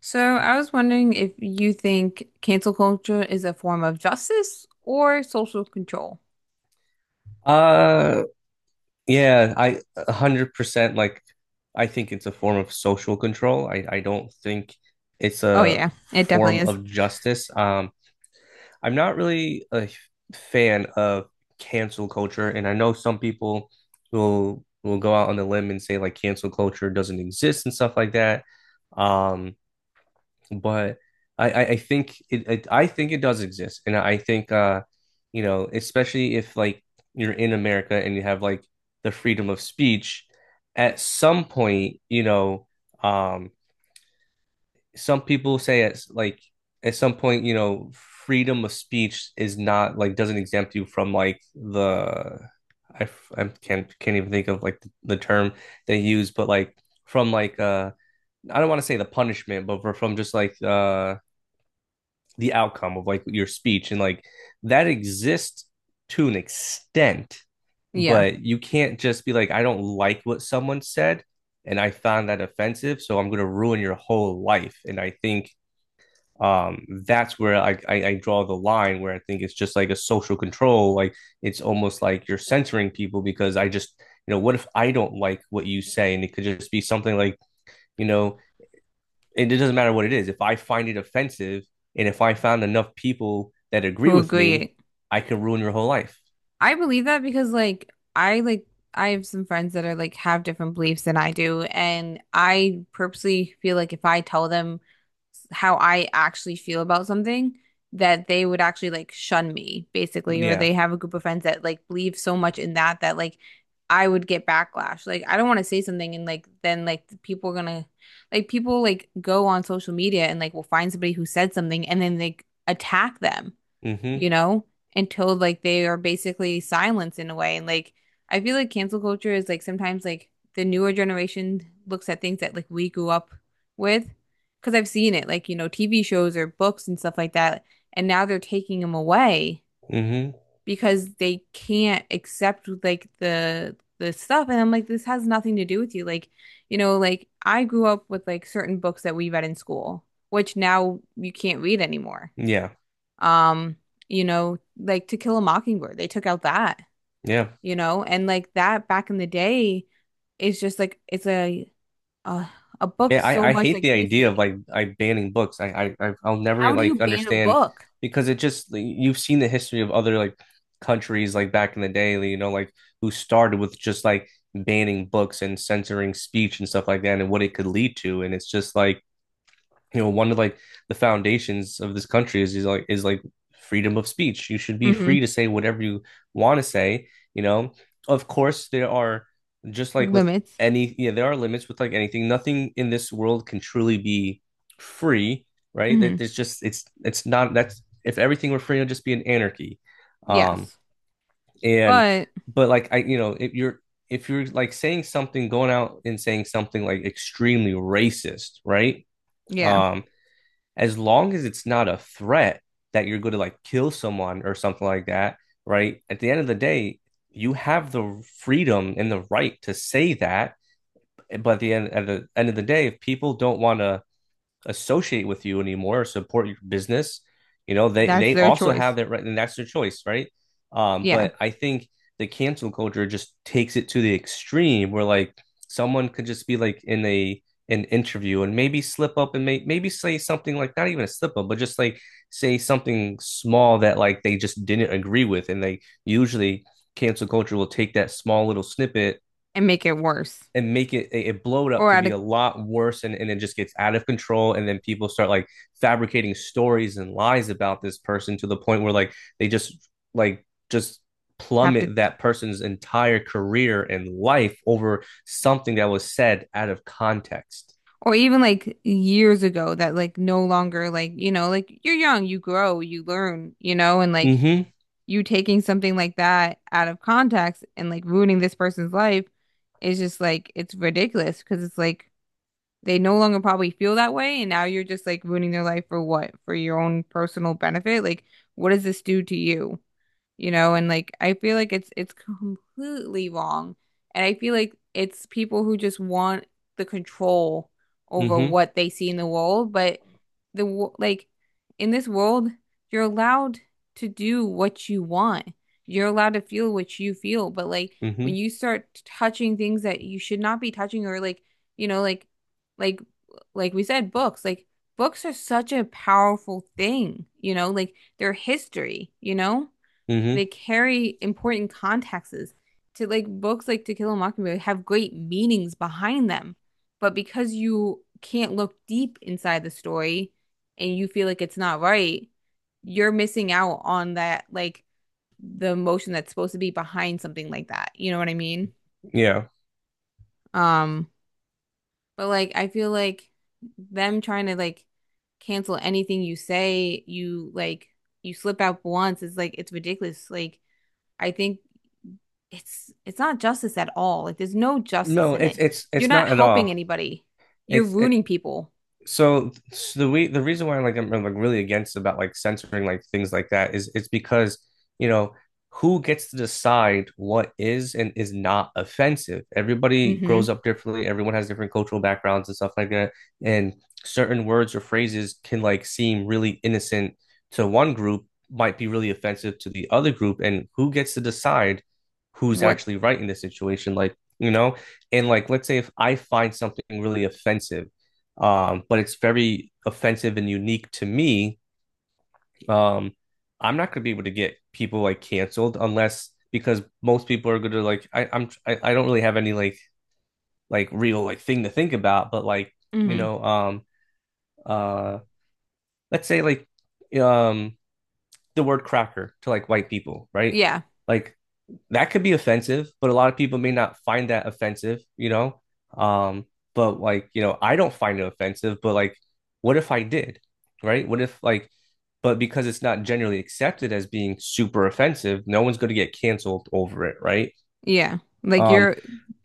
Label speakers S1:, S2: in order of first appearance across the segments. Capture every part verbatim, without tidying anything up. S1: So I was wondering if you think cancel culture is a form of justice or social control.
S2: Uh, yeah, I one hundred percent like I think it's a form of social control. I I don't think it's
S1: Oh
S2: a
S1: yeah, it definitely
S2: form
S1: is.
S2: of justice. Um, I'm not really a f- fan of cancel culture, and I know some people will will go out on the limb and say like cancel culture doesn't exist and stuff like that. Um, but I, I I think it, it I think it does exist, and I think uh you know, especially if like you're in America and you have like the freedom of speech, at some point, you know, um some people say at like at some point, you know, freedom of speech is not like doesn't exempt you from like the I I can't can't even think of like the, the term they use, but like from like uh I don't want to say the punishment, but from just like uh the outcome of like your speech and like that exists to an extent.
S1: Yeah,
S2: But you can't just be like, I don't like what someone said and I found that offensive, so I'm going to ruin your whole life. And I think um that's where I, I i draw the line, where I think it's just like a social control. Like it's almost like you're censoring people, because I just, you know, what if I don't like what you say? And it could just be something like, you know, it doesn't matter what it is. If I find it offensive, and if I found enough people that agree
S1: who
S2: with me,
S1: agree?
S2: I could ruin your whole life.
S1: I believe that because like I like I have some friends that are like have different beliefs than I do, and I purposely feel like if I tell them how I actually feel about something, that they would actually like shun me basically, or
S2: Yeah.
S1: they have a group of friends that like believe so much in that that like I would get backlash. Like I don't want to say something and like then like the people are gonna like people like go on social media and like will find somebody who said something and then they attack them,
S2: Mm-hmm.
S1: you know, until like they are basically silenced in a way. And like I feel like cancel culture is like sometimes like the newer generation looks at things that like we grew up with because I've seen it, like, you know, T V shows or books and stuff like that. And now they're taking them away
S2: Mm-hmm.
S1: because they can't accept like the the stuff. And I'm like, this has nothing to do with you. Like, you know, like I grew up with like certain books that we read in school, which now you can't read anymore.
S2: Yeah.
S1: um you know, like To Kill a Mockingbird, they took out that,
S2: Yeah.
S1: you know, and like that back in the day is just like it's a a, a book,
S2: Yeah,
S1: so
S2: I, I
S1: much
S2: hate
S1: like
S2: the idea of
S1: history.
S2: like I banning books. I I I- I'll never
S1: How do you
S2: like
S1: ban a
S2: understand,
S1: book?
S2: because it just like, you've seen the history of other like countries, like back in the day, you know, like who started with just like banning books and censoring speech and stuff like that, and what it could lead to. And it's just like, you know, one of like the foundations of this country is, is like is like freedom of speech. You should be
S1: Hmm
S2: free to say whatever you want to say, you know. Of course there are, just like with
S1: limits.
S2: any, yeah, there are limits with like anything. Nothing in this world can truly be free, right? That
S1: Hmm
S2: there's just, it's it's not, that's, if everything were free, it'd just be an anarchy. Um
S1: yes,
S2: and
S1: but
S2: But like, I, you know, if you're, if you're like saying something, going out and saying something like extremely racist, right?
S1: yeah,
S2: um as long as it's not a threat that you're going to like kill someone or something like that, right? At the end of the day, you have the freedom and the right to say that. But at the end, at the end of the day, if people don't want to associate with you anymore or support your business, you know, they
S1: that's
S2: they
S1: their
S2: also
S1: choice.
S2: have that right, and that's their choice, right? Um,
S1: Yeah,
S2: but I think the cancel culture just takes it to the extreme, where like someone could just be like in a an interview and maybe slip up and may, maybe say something like not even a slip up, but just like say something small that like they just didn't agree with, and they usually, cancel culture will take that small little snippet
S1: and make it worse,
S2: and make it it, blow it up
S1: or
S2: to be
S1: I'd
S2: a lot worse. And, and it just gets out of control, and then people start like fabricating stories and lies about this person to the point where like they just like just
S1: have to.
S2: plummet that person's entire career and life over something that was said out of context.
S1: Or even like years ago that like no longer, like, you know, like you're young, you grow, you learn, you know, and like
S2: Mm-hmm.
S1: you taking something like that out of context and like ruining this person's life is just like it's ridiculous, because it's like they no longer probably feel that way and now you're just like ruining their life for what? For your own personal benefit? Like what does this do to you? You know, and like I feel like it's it's completely wrong. And I feel like it's people who just want the control over
S2: Mm-hmm.
S1: what they see in the world, but the wo- like in this world, you're allowed to do what you want. You're allowed to feel what you feel, but like
S2: Mm-hmm.
S1: when you start touching things that you should not be touching, or like, you know, like like like we said books, like books are such a powerful thing, you know, like they're history, you know? They
S2: Mm-hmm.
S1: carry important contexts to, like, books like To Kill a Mockingbird have great meanings behind them. But because you can't look deep inside the story and you feel like it's not right, you're missing out on, that like, the emotion that's supposed to be behind something like that. You know what I mean?
S2: Yeah.
S1: Um, but like I feel like them trying to like cancel anything you say, you like you slip out once, it's like it's ridiculous. Like I think it's it's not justice at all. Like there's no justice
S2: No,
S1: in
S2: it's
S1: it.
S2: it's
S1: You're
S2: it's
S1: not
S2: not at
S1: helping
S2: all.
S1: anybody. You're
S2: It's it,
S1: ruining people.
S2: so, so the way, the reason why I'm like, I'm like really against about like censoring like things like that, is it's because, you know, who gets to decide what is and is not offensive? Everybody
S1: Hmm.
S2: grows up differently. Everyone has different cultural backgrounds and stuff like that. And certain words or phrases can like seem really innocent to one group, might be really offensive to the other group. And who gets to decide who's
S1: What?
S2: actually right in this situation? Like, you know, and like let's say if I find something really offensive, um, but it's very offensive and unique to me. Um, I'm not going to be able to get people like canceled, unless, because most people are going to like, I, I'm I, I don't really have any like like real like thing to think about, but like, you
S1: Hmm.
S2: know, um uh let's say like, um the word cracker to like white people, right?
S1: Yeah.
S2: Like that could be offensive, but a lot of people may not find that offensive, you know? Um, but like, you know, I don't find it offensive, but like, what if I did? Right? What if like, but because it's not generally accepted as being super offensive, no one's going to get canceled over it, right?
S1: Yeah. Like
S2: Um,
S1: your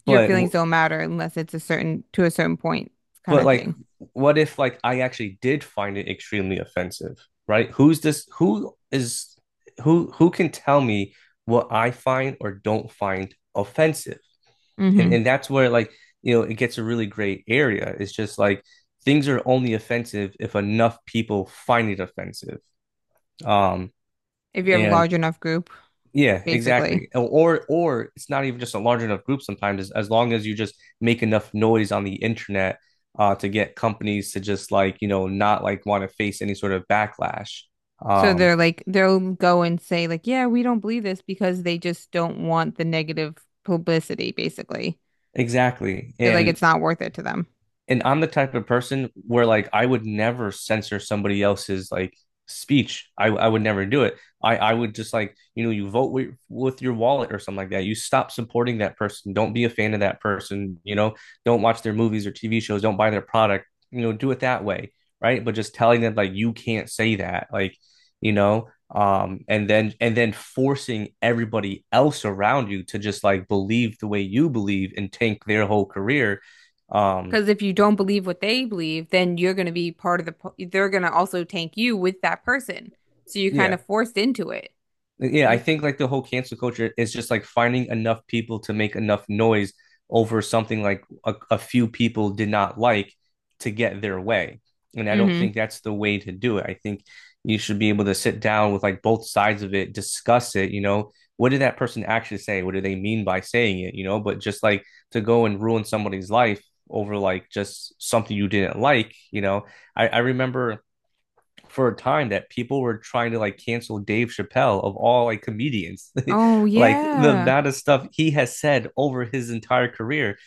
S1: your
S2: but
S1: feelings don't matter unless it's a certain, to a certain point kind
S2: but
S1: of
S2: like,
S1: thing.
S2: what if like I actually did find it extremely offensive, right? Who's this? Who is who? Who can tell me what I find or don't find offensive? And
S1: Hmm.
S2: and that's where like, you know, it gets a really great area. It's just like things are only offensive if enough people find it offensive. Um,
S1: If you have a
S2: and
S1: large enough group,
S2: yeah,
S1: basically.
S2: exactly. Or or it's not even just a large enough group. Sometimes as, as long as you just make enough noise on the internet, uh, to get companies to just like, you know, not like want to face any sort of backlash.
S1: So
S2: Um,
S1: they're like they'll go and say like, yeah, we don't believe this because they just don't want the negative publicity, basically.
S2: exactly.
S1: Feel like
S2: And
S1: it's not worth it to them.
S2: and I'm the type of person where like I would never censor somebody else's like speech. I I would never do it. I I would just like, you know, you vote with, with your wallet or something like that. You stop supporting that person. Don't be a fan of that person. You know, don't watch their movies or T V shows. Don't buy their product. You know, do it that way, right? But just telling them like you can't say that, like, you know, um and then and then forcing everybody else around you to just like believe the way you believe and tank their whole career. Um,
S1: Because if you don't believe what they believe, then you're going to be part of the, po- they're going to also tank you with that person. So you're kind
S2: yeah.
S1: of forced into it.
S2: Yeah, I
S1: You,
S2: think like the whole cancel culture is just like finding enough people to make enough noise over something like a, a few people did not like, to get their way. And I don't
S1: hmm.
S2: think that's the way to do it. I think you should be able to sit down with like both sides of it, discuss it, you know, what did that person actually say? What do they mean by saying it, you know? But just like to go and ruin somebody's life over like just something you didn't like, you know. I, I remember for a time that people were trying to like cancel Dave Chappelle of all like comedians.
S1: Oh,
S2: Like the
S1: yeah.
S2: amount of stuff he has said over his entire career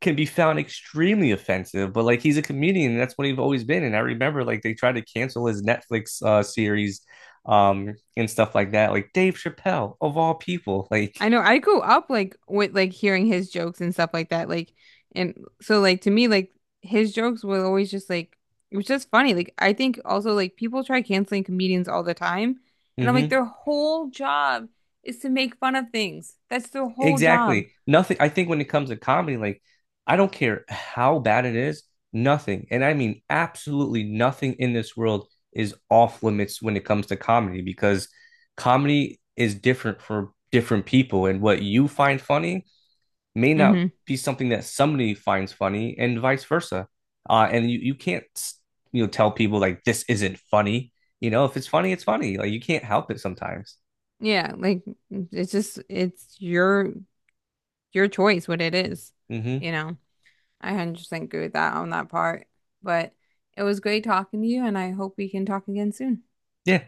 S2: can be found extremely offensive, but like he's a comedian, and that's what he's always been. And I remember like they tried to cancel his Netflix uh, series, um and stuff like that. Like Dave Chappelle of all people, like,
S1: I know I grew up like with like hearing his jokes and stuff like that. Like and so like to me like his jokes were always just like it was just funny. Like I think also like people try canceling comedians all the time, and I'm like
S2: mm-hmm.
S1: their whole job is to make fun of things. That's their whole job.
S2: Exactly. Nothing. I think when it comes to comedy, like, I don't care how bad it is, nothing, and I mean absolutely nothing in this world is off limits when it comes to comedy, because comedy is different for different people, and what you find funny may not
S1: Hmm.
S2: be something that somebody finds funny, and vice versa. Uh, and you, you can't, you know, tell people like this isn't funny. You know, if it's funny, it's funny. Like, you can't help it sometimes.
S1: Yeah, like it's just it's your your choice what it is,
S2: Hmm.
S1: you know. I one hundred percent agree with that on that part. But it was great talking to you and I hope we can talk again soon.
S2: Yeah.